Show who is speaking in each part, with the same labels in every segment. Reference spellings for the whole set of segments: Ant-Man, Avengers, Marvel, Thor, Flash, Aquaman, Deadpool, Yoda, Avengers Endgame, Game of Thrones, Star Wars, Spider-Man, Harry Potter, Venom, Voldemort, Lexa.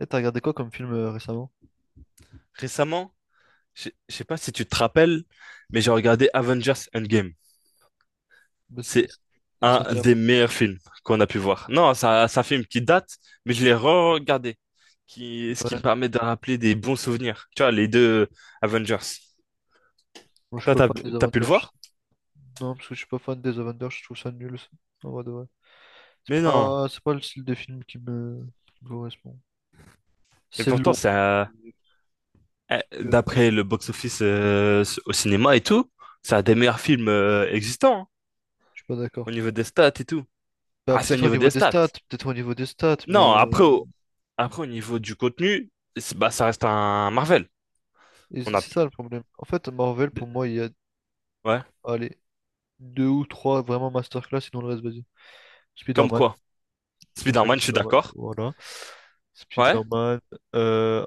Speaker 1: Et t'as regardé quoi comme film récemment?
Speaker 2: Récemment, je sais pas si tu te rappelles, mais j'ai regardé Avengers Endgame.
Speaker 1: Bah,
Speaker 2: C'est
Speaker 1: Il est
Speaker 2: un
Speaker 1: sorti un...
Speaker 2: des meilleurs films qu'on a pu voir. Non, ça film qui date, mais je l'ai re-regardé, ce qui me
Speaker 1: Ouais.
Speaker 2: permet de rappeler des bons souvenirs. Tu vois, les deux Avengers.
Speaker 1: Moi, je suis
Speaker 2: Toi,
Speaker 1: pas
Speaker 2: t'as,
Speaker 1: fan des
Speaker 2: T'as pu le
Speaker 1: Avengers.
Speaker 2: voir?
Speaker 1: Non, parce que je suis pas fan des Avengers, je trouve ça nul. Ça. En vrai de vrai. C'est
Speaker 2: Mais non.
Speaker 1: pas... c'est pas le style de film qui me correspond.
Speaker 2: Mais
Speaker 1: C'est
Speaker 2: pourtant,
Speaker 1: long.
Speaker 2: ça,
Speaker 1: C'est super long.
Speaker 2: d'après le box-office au cinéma et tout, c'est un des meilleurs films existants hein,
Speaker 1: Je suis pas
Speaker 2: au
Speaker 1: d'accord.
Speaker 2: niveau des stats et tout.
Speaker 1: Bah,
Speaker 2: Ah, c'est au
Speaker 1: peut-être au
Speaker 2: niveau
Speaker 1: niveau
Speaker 2: des
Speaker 1: des
Speaker 2: stats.
Speaker 1: stats, peut-être au niveau des stats, mais
Speaker 2: Non, après, après, au niveau du contenu, bah, ça reste un Marvel.
Speaker 1: et
Speaker 2: On
Speaker 1: c'est
Speaker 2: a...
Speaker 1: c'est ça le problème. En fait, Marvel, pour moi, il y a,
Speaker 2: Ouais,
Speaker 1: allez, deux ou trois vraiment masterclass, sinon le reste, vas-y.
Speaker 2: comme
Speaker 1: Spider-Man,
Speaker 2: quoi?
Speaker 1: la saga
Speaker 2: Spider-Man, je suis
Speaker 1: Spider-Man,
Speaker 2: d'accord.
Speaker 1: voilà.
Speaker 2: Ouais.
Speaker 1: Spider-Man, euh,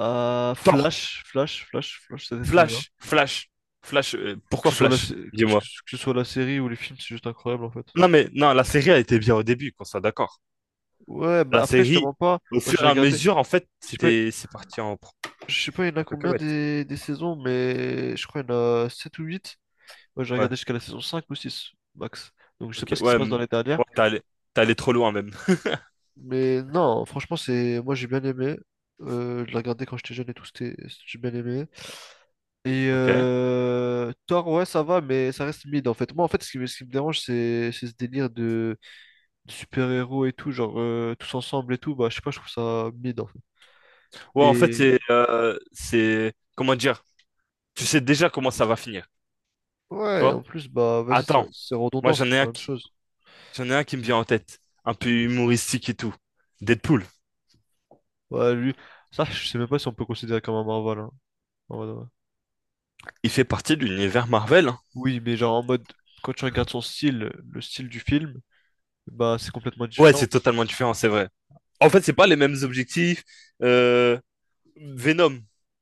Speaker 2: Thor,
Speaker 1: Flash, c'était très bien.
Speaker 2: Flash, Flash, Flash.
Speaker 1: Que
Speaker 2: Pourquoi
Speaker 1: ce soit la,
Speaker 2: Flash?
Speaker 1: sé- que ce
Speaker 2: Dis-moi.
Speaker 1: que ce soit la série ou les films, c'est juste incroyable en fait.
Speaker 2: Non, mais non, la série a été bien au début, qu'on soit d'accord.
Speaker 1: Ouais, bah
Speaker 2: La
Speaker 1: après, je te
Speaker 2: série,
Speaker 1: mens pas,
Speaker 2: au
Speaker 1: moi
Speaker 2: fur
Speaker 1: j'ai
Speaker 2: et à
Speaker 1: regardé.
Speaker 2: mesure, en fait,
Speaker 1: Je sais pas,
Speaker 2: c'était, c'est parti en...
Speaker 1: je sais pas, il y en a
Speaker 2: en
Speaker 1: combien
Speaker 2: cacahuète.
Speaker 1: des saisons, mais je crois qu'il y en a 7 ou 8. Moi j'ai
Speaker 2: Ouais,
Speaker 1: regardé jusqu'à la saison 5 ou 6 max. Donc je sais pas
Speaker 2: ok,
Speaker 1: ce qui
Speaker 2: ouais,
Speaker 1: se passe dans les dernières.
Speaker 2: ouais, t'es allé trop loin même.
Speaker 1: Mais non, franchement, c'est, moi j'ai bien aimé. Je l'ai regardé quand j'étais jeune et tout, c'était, j'ai bien aimé. Et
Speaker 2: Ok. Ouais,
Speaker 1: Thor, ouais, ça va, mais ça reste mid en fait. Moi, en fait, ce qui me dérange, c'est ce délire de super-héros et tout, genre tous ensemble et tout. Bah, je sais pas, je trouve ça mid en fait.
Speaker 2: en fait,
Speaker 1: Et
Speaker 2: c'est, comment dire? Tu sais déjà comment ça va finir, tu
Speaker 1: ouais, en
Speaker 2: vois?
Speaker 1: plus, bah, vas-y, c'est
Speaker 2: Attends,
Speaker 1: c'est
Speaker 2: moi
Speaker 1: redondant, c'est
Speaker 2: j'en ai
Speaker 1: tout la
Speaker 2: un
Speaker 1: même
Speaker 2: qui,
Speaker 1: chose.
Speaker 2: j'en ai un qui me vient en tête, un peu humoristique et tout. Deadpool,
Speaker 1: Ouais, lui, ça, je sais même pas si on peut considérer comme un Marvel, hein, en mode, ouais.
Speaker 2: il fait partie de l'univers Marvel, hein.
Speaker 1: Oui, mais genre en mode, quand tu regardes son style, le style du film, bah, c'est complètement
Speaker 2: Ouais, c'est
Speaker 1: différent.
Speaker 2: totalement différent, c'est vrai. En fait, c'est pas les mêmes objectifs. Euh, Venom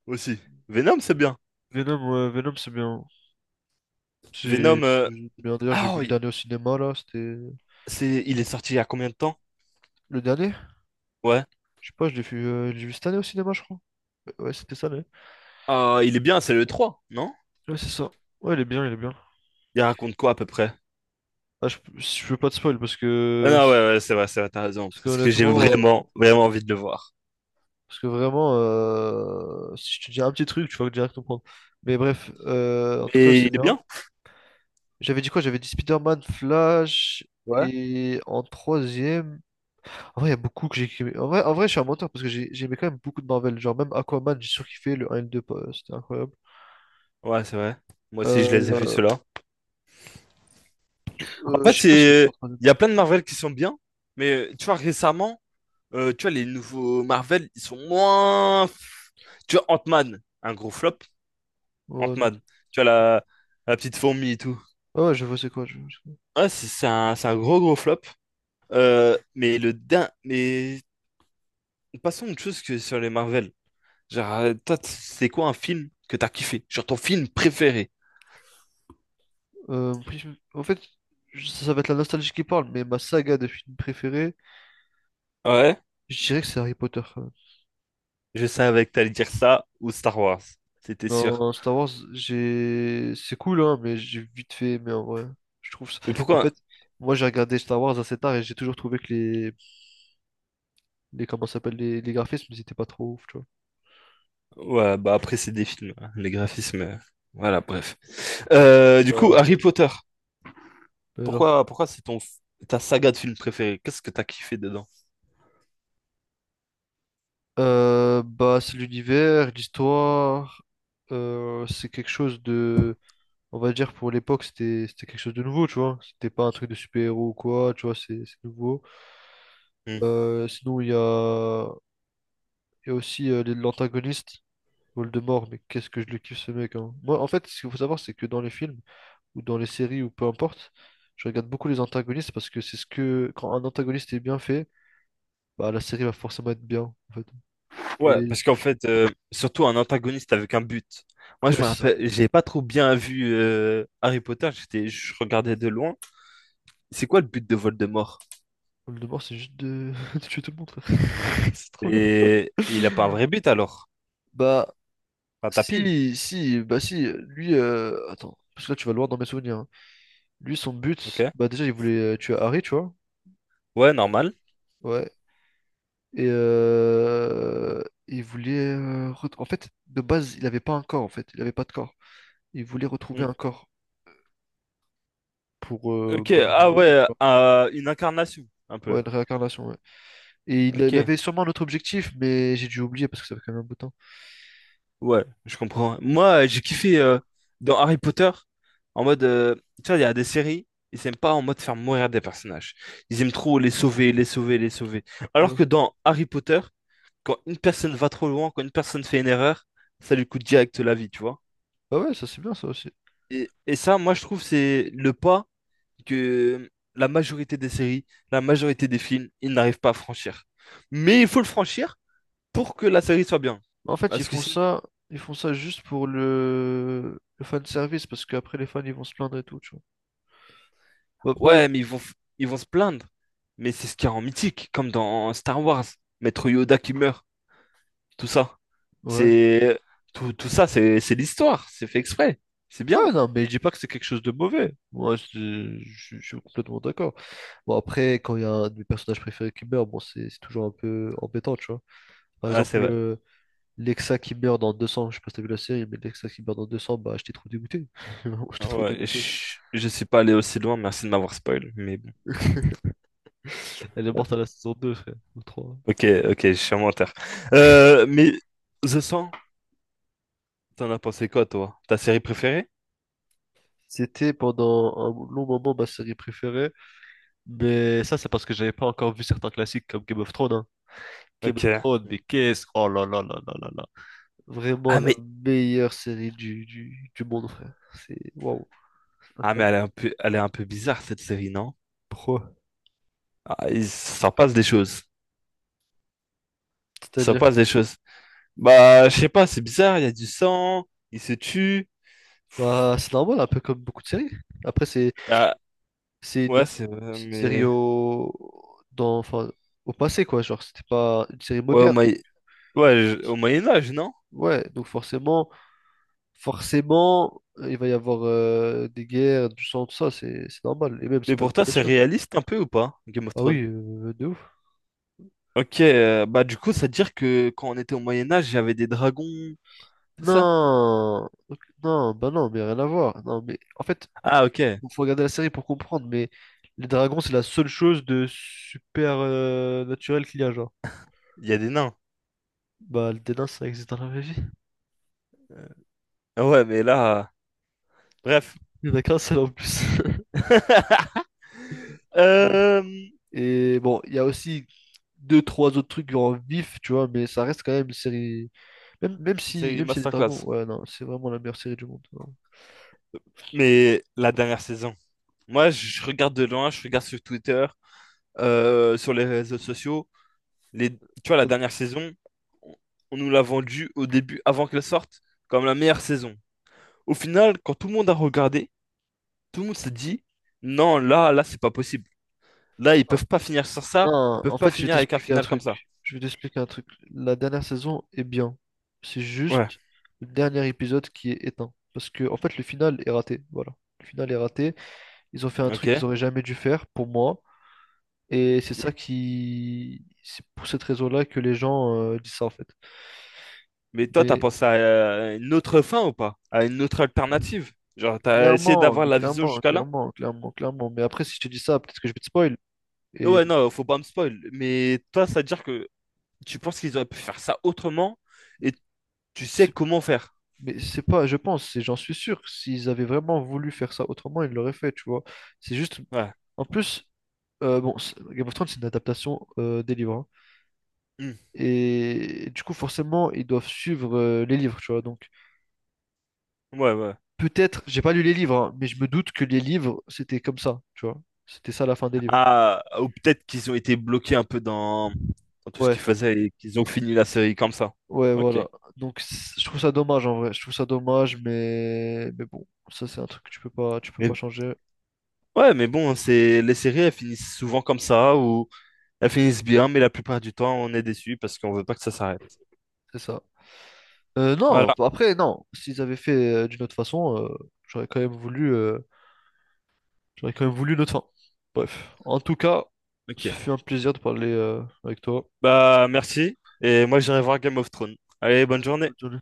Speaker 2: aussi. Venom, c'est bien.
Speaker 1: Venom, ouais, Venom, c'est bien. C'est
Speaker 2: Venom,
Speaker 1: c'est bien. D'ailleurs, j'ai
Speaker 2: ah,
Speaker 1: vu le
Speaker 2: oui,
Speaker 1: dernier au cinéma là, c'était.
Speaker 2: c'est, il est sorti il y a combien de temps?
Speaker 1: Le dernier?
Speaker 2: Ouais.
Speaker 1: Je sais pas, je l'ai vu cette année au cinéma, je crois. Ouais, ouais, c'était ça, l'année.
Speaker 2: Ah, il est bien, c'est le trois non?
Speaker 1: Ouais, c'est ça. Ouais, il est bien, il est bien.
Speaker 2: Il raconte quoi à peu près?
Speaker 1: Ah, je veux pas te spoil parce
Speaker 2: Ah,
Speaker 1: que.
Speaker 2: non, ouais, ouais, c'est vrai, t'as raison.
Speaker 1: Parce que
Speaker 2: Parce que j'ai
Speaker 1: honnêtement,
Speaker 2: vraiment, vraiment envie de le voir.
Speaker 1: parce que vraiment, si je te dis un petit truc, tu vas direct comprendre. Mais bref, en tout cas,
Speaker 2: Mais
Speaker 1: c'est
Speaker 2: il est
Speaker 1: bien.
Speaker 2: bien.
Speaker 1: J'avais dit quoi? J'avais dit Spider-Man, Flash.
Speaker 2: Ouais.
Speaker 1: Et en troisième. En vrai, il y a beaucoup que j'ai kiffé. En vrai, je suis un menteur parce que j'ai aimé quand même beaucoup de Marvel. Genre, même Aquaman, j'ai surkiffé le un et le 2, pas- c'était incroyable.
Speaker 2: Ouais, c'est vrai. Moi aussi, je les ai
Speaker 1: Euh,
Speaker 2: vus, ceux-là. En fait,
Speaker 1: je sais pas si le mettre en
Speaker 2: c'est,
Speaker 1: troisième.
Speaker 2: il y a plein de Marvel qui sont bien, mais tu vois, récemment, tu vois, les nouveaux Marvel, ils sont moins. Tu vois, Ant-Man, un gros flop.
Speaker 1: Ouais, non.
Speaker 2: Ant-Man, tu vois, la, la petite fourmi et tout.
Speaker 1: Ah ouais, je vois c'est quoi.
Speaker 2: Ah, c'est un gros, gros flop. Mais passons à autre chose que sur les Marvel. Genre, toi, c'est quoi un film que t'as kiffé? Genre, ton film préféré?
Speaker 1: En fait, ça va être la nostalgie qui parle, mais ma saga de films préférée,
Speaker 2: Ouais,
Speaker 1: je dirais que c'est Harry Potter, quand même.
Speaker 2: je savais que t'allais dire ça ou Star Wars. C'était sûr.
Speaker 1: Non, Star Wars, j'ai... c'est cool, hein, mais j'ai vite fait aimé en vrai. Je trouve ça...
Speaker 2: Mais
Speaker 1: En
Speaker 2: pourquoi?
Speaker 1: fait, moi j'ai regardé Star Wars assez tard et j'ai toujours trouvé que les comment ça s'appelle les graphismes, ils étaient pas trop ouf, tu vois.
Speaker 2: Ouais, bah après, c'est des films, hein, les graphismes. Voilà, bref. Du coup, Harry
Speaker 1: Bah,
Speaker 2: Potter,
Speaker 1: mais alors.
Speaker 2: pourquoi c'est ta saga de film préférée? Qu'est-ce que t'as kiffé dedans?
Speaker 1: Bah, c'est l'univers, l'histoire, c'est quelque chose de... on va dire pour l'époque c'était quelque chose de nouveau, tu vois. C'était pas un truc de super-héros ou quoi, tu vois, c'est nouveau.
Speaker 2: Hmm.
Speaker 1: Sinon il y a aussi l'antagoniste Voldemort, mais qu'est-ce que je le kiffe ce mec, hein. Moi en fait, ce qu'il faut savoir c'est que dans les films ou dans les séries ou peu importe, je regarde beaucoup les antagonistes parce que c'est ce que quand un antagoniste est bien fait, bah la série va forcément être bien en fait.
Speaker 2: Ouais,
Speaker 1: Et
Speaker 2: parce qu'en fait, surtout un antagoniste avec un but. Moi, je
Speaker 1: ouais,
Speaker 2: me
Speaker 1: c'est ça.
Speaker 2: rappelle, j'ai pas trop bien vu Harry Potter, j'étais, je regardais de loin. C'est quoi le but de Voldemort?
Speaker 1: Voldemort, c'est juste de... de tuer tout le monde, frère. C'est trop bien.
Speaker 2: Et il a pas un vrai but alors?
Speaker 1: Bah,
Speaker 2: Un tapine,
Speaker 1: si, si, bah si, lui, attends, parce que là tu vas loin dans mes souvenirs, hein. Lui, son
Speaker 2: ok?
Speaker 1: but, bah déjà il voulait tuer Harry, tu vois,
Speaker 2: Ouais, normal.
Speaker 1: ouais. Et en fait, de base, il avait pas un corps, en fait, il avait pas de corps. Il voulait retrouver
Speaker 2: Hmm.
Speaker 1: un corps pour
Speaker 2: Ok,
Speaker 1: bah,
Speaker 2: ah
Speaker 1: revivre, tu
Speaker 2: ouais,
Speaker 1: vois.
Speaker 2: une incarnation, un peu.
Speaker 1: Ouais, une réincarnation, ouais. Et il
Speaker 2: Ok.
Speaker 1: avait sûrement un autre objectif, mais j'ai dû oublier parce que ça fait quand même un bout de temps.
Speaker 2: Ouais, je comprends. Moi, j'ai kiffé dans Harry Potter, en mode, tu vois, il y a des séries, ils aiment pas en mode faire mourir des personnages. Ils aiment trop les sauver, les sauver, les sauver. Alors
Speaker 1: Ouais.
Speaker 2: que dans Harry Potter, quand une personne va trop loin, quand une personne fait une erreur, ça lui coûte direct la vie, tu vois.
Speaker 1: Bah ouais, ça c'est bien ça aussi.
Speaker 2: Et ça, moi, je trouve, c'est le pas que la majorité des séries, la majorité des films, ils n'arrivent pas à franchir. Mais il faut le franchir pour que la série soit bien.
Speaker 1: En fait, ils
Speaker 2: Parce que
Speaker 1: font
Speaker 2: si...
Speaker 1: ça, ils font ça juste pour le fan service parce qu'après les fans ils vont se plaindre et tout, tu vois. Bah,
Speaker 2: Ouais, mais ils vont, ils vont se plaindre. Mais c'est ce qu'il y a en mythique, comme dans Star Wars. Maître Yoda qui meurt, tout ça.
Speaker 1: ouais.
Speaker 2: C'est tout ça, c'est l'histoire. C'est fait exprès. C'est bien.
Speaker 1: Ouais, non, mais je dis pas que c'est quelque chose de mauvais. Moi, je suis complètement d'accord. Bon, après, quand il y a un de mes personnages préférés qui meurt, bon, c'est toujours un peu embêtant, tu vois. Par
Speaker 2: Ah, c'est
Speaker 1: exemple,
Speaker 2: vrai.
Speaker 1: Lexa qui meurt dans 200 je sais pas si t'as vu la série, mais Lexa qui meurt dans deux cents, bah, j'étais trop dégoûté. Vraiment, j'étais trop
Speaker 2: Ouais,
Speaker 1: dégoûté.
Speaker 2: je suis pas allé aussi loin. Merci de m'avoir spoil. Mais bon.
Speaker 1: Elle est morte à la saison deux, frère, ou trois.
Speaker 2: Ok, ok, je suis un menteur. Mais The Sand t'en as pensé quoi, toi? Ta série préférée?
Speaker 1: C'était pendant un long moment ma série préférée, mais ça, c'est parce que j'avais pas encore vu certains classiques comme Game of Thrones, hein. Game of
Speaker 2: Ok.
Speaker 1: Thrones, mais qu'est-ce... Oh là là là là là là. Vraiment
Speaker 2: Ah,
Speaker 1: la
Speaker 2: mais
Speaker 1: meilleure série du monde, frère. C'est waouh,
Speaker 2: ah, mais
Speaker 1: incroyable.
Speaker 2: elle est un peu, elle est un peu bizarre cette série, non?
Speaker 1: Pourquoi?
Speaker 2: Ah, il s'en passe des choses. Il s'en
Speaker 1: C'est-à-dire,
Speaker 2: passe des choses. Bah, je sais pas, c'est bizarre, il y a du sang, il se tue.
Speaker 1: bah, c'est normal, un peu comme beaucoup de séries. Après,
Speaker 2: Ah,
Speaker 1: c'est une,
Speaker 2: ouais, c'est vrai,
Speaker 1: c'est une série
Speaker 2: mais.
Speaker 1: au, dans, enfin, au passé, quoi. Genre, c'était pas une série
Speaker 2: Ouais, au,
Speaker 1: moderne.
Speaker 2: Moyen- ouais, au Moyen-Âge, non?
Speaker 1: Ouais, donc forcément, forcément, il va y avoir des guerres, du sang, tout ça, c'est normal. Et même, c'est
Speaker 2: Mais
Speaker 1: pas une
Speaker 2: pour toi,
Speaker 1: mauvaise
Speaker 2: c'est
Speaker 1: chose.
Speaker 2: réaliste un peu ou pas, Game of
Speaker 1: Ah oui,
Speaker 2: Thrones?
Speaker 1: de ouf.
Speaker 2: Ok, bah, du coup, ça veut dire que quand on était au Moyen-Âge, il y avait des dragons, c'est ça?
Speaker 1: Non, ok, non, bah non, mais rien à voir. Non, mais en fait,
Speaker 2: Ah, ok, il
Speaker 1: bon, faut regarder la série pour comprendre, mais les dragons, c'est la seule chose de super naturel qu'il y a, genre.
Speaker 2: y a des nains.
Speaker 1: Bah, le dédain, ça existe dans la vraie vie.
Speaker 2: Ah ouais, mais là. Bref.
Speaker 1: Il y en a qu'un seul en plus.
Speaker 2: Euh...
Speaker 1: Et bon, il y a aussi deux, trois autres trucs en vif, tu vois, mais ça reste quand même une série. Même, même si,
Speaker 2: C'est une
Speaker 1: même si y a des dragons,
Speaker 2: masterclass.
Speaker 1: ouais, non, c'est vraiment la meilleure série du monde, vraiment.
Speaker 2: Mais la dernière saison. Moi, je regarde de loin, je regarde sur Twitter, sur les réseaux sociaux. Les, tu vois, la dernière saison, on on nous l'a vendue au début, avant qu'elle sorte, comme la meilleure saison. Au final, quand tout le monde a regardé, tout le monde s'est dit, non, là, c'est pas possible. Là, ils peuvent pas finir sur ça, ils
Speaker 1: Non,
Speaker 2: peuvent
Speaker 1: en
Speaker 2: pas
Speaker 1: fait, je vais
Speaker 2: finir avec un
Speaker 1: t'expliquer un
Speaker 2: final comme ça.
Speaker 1: truc. Je vais t'expliquer un truc. La dernière saison est bien. C'est
Speaker 2: Ouais,
Speaker 1: juste le dernier épisode qui est éteint. Parce que, en fait, le final est raté. Voilà. Le final est raté. Ils ont fait un truc
Speaker 2: ok.
Speaker 1: qu'ils auraient jamais dû faire, pour moi. Et c'est ça qui. C'est pour cette raison-là que les gens disent ça, en fait.
Speaker 2: Mais toi, t'as
Speaker 1: Mais
Speaker 2: pensé à une autre fin ou pas? À une autre alternative? Genre, t'as essayé d'avoir
Speaker 1: mais
Speaker 2: la vision
Speaker 1: clairement,
Speaker 2: jusqu'à là?
Speaker 1: clairement, clairement, clairement. Mais après, si je te dis ça, peut-être que je vais te spoil. Et
Speaker 2: Ouais, non, faut pas me spoil. Mais toi, ça veut dire que tu penses qu'ils auraient pu faire ça autrement et tu sais comment faire.
Speaker 1: mais c'est pas, je pense, et j'en suis sûr, que s'ils avaient vraiment voulu faire ça autrement, ils l'auraient fait, tu vois. C'est juste,
Speaker 2: Ouais.
Speaker 1: en plus, bon, Game of Thrones, c'est une adaptation des livres, hein.
Speaker 2: Hmm.
Speaker 1: Et, du coup, forcément, ils doivent suivre les livres, tu vois. Donc,
Speaker 2: Ouais, ouais.
Speaker 1: peut-être, j'ai pas lu les livres, hein, mais je me doute que les livres, c'était comme ça, tu vois. C'était ça la fin des livres.
Speaker 2: Ah, ou peut-être qu'ils ont été bloqués un peu dans, dans tout ce qu'ils
Speaker 1: Ouais,
Speaker 2: faisaient et qu'ils ont fini la série comme ça.
Speaker 1: ouais,
Speaker 2: Ok.
Speaker 1: voilà. Donc, je trouve ça dommage, en vrai. Je trouve ça dommage, mais bon, ça, c'est un truc que tu peux pas
Speaker 2: Mais
Speaker 1: changer,
Speaker 2: ouais, mais bon, c'est les séries, elles finissent souvent comme ça, ou elles finissent bien, mais la plupart du temps, on est déçu parce qu'on veut pas que ça s'arrête.
Speaker 1: c'est ça. Non,
Speaker 2: Voilà.
Speaker 1: enfin, après, non. S'ils avaient fait d'une autre façon, j'aurais quand même voulu, euh, j'aurais quand même voulu notre fin. Bref, en tout cas, ce
Speaker 2: Ok.
Speaker 1: fut un plaisir de parler avec toi.
Speaker 2: Bah, merci. Et moi, j'irai voir Game of Thrones. Allez, bonne journée.
Speaker 1: Bonne journée.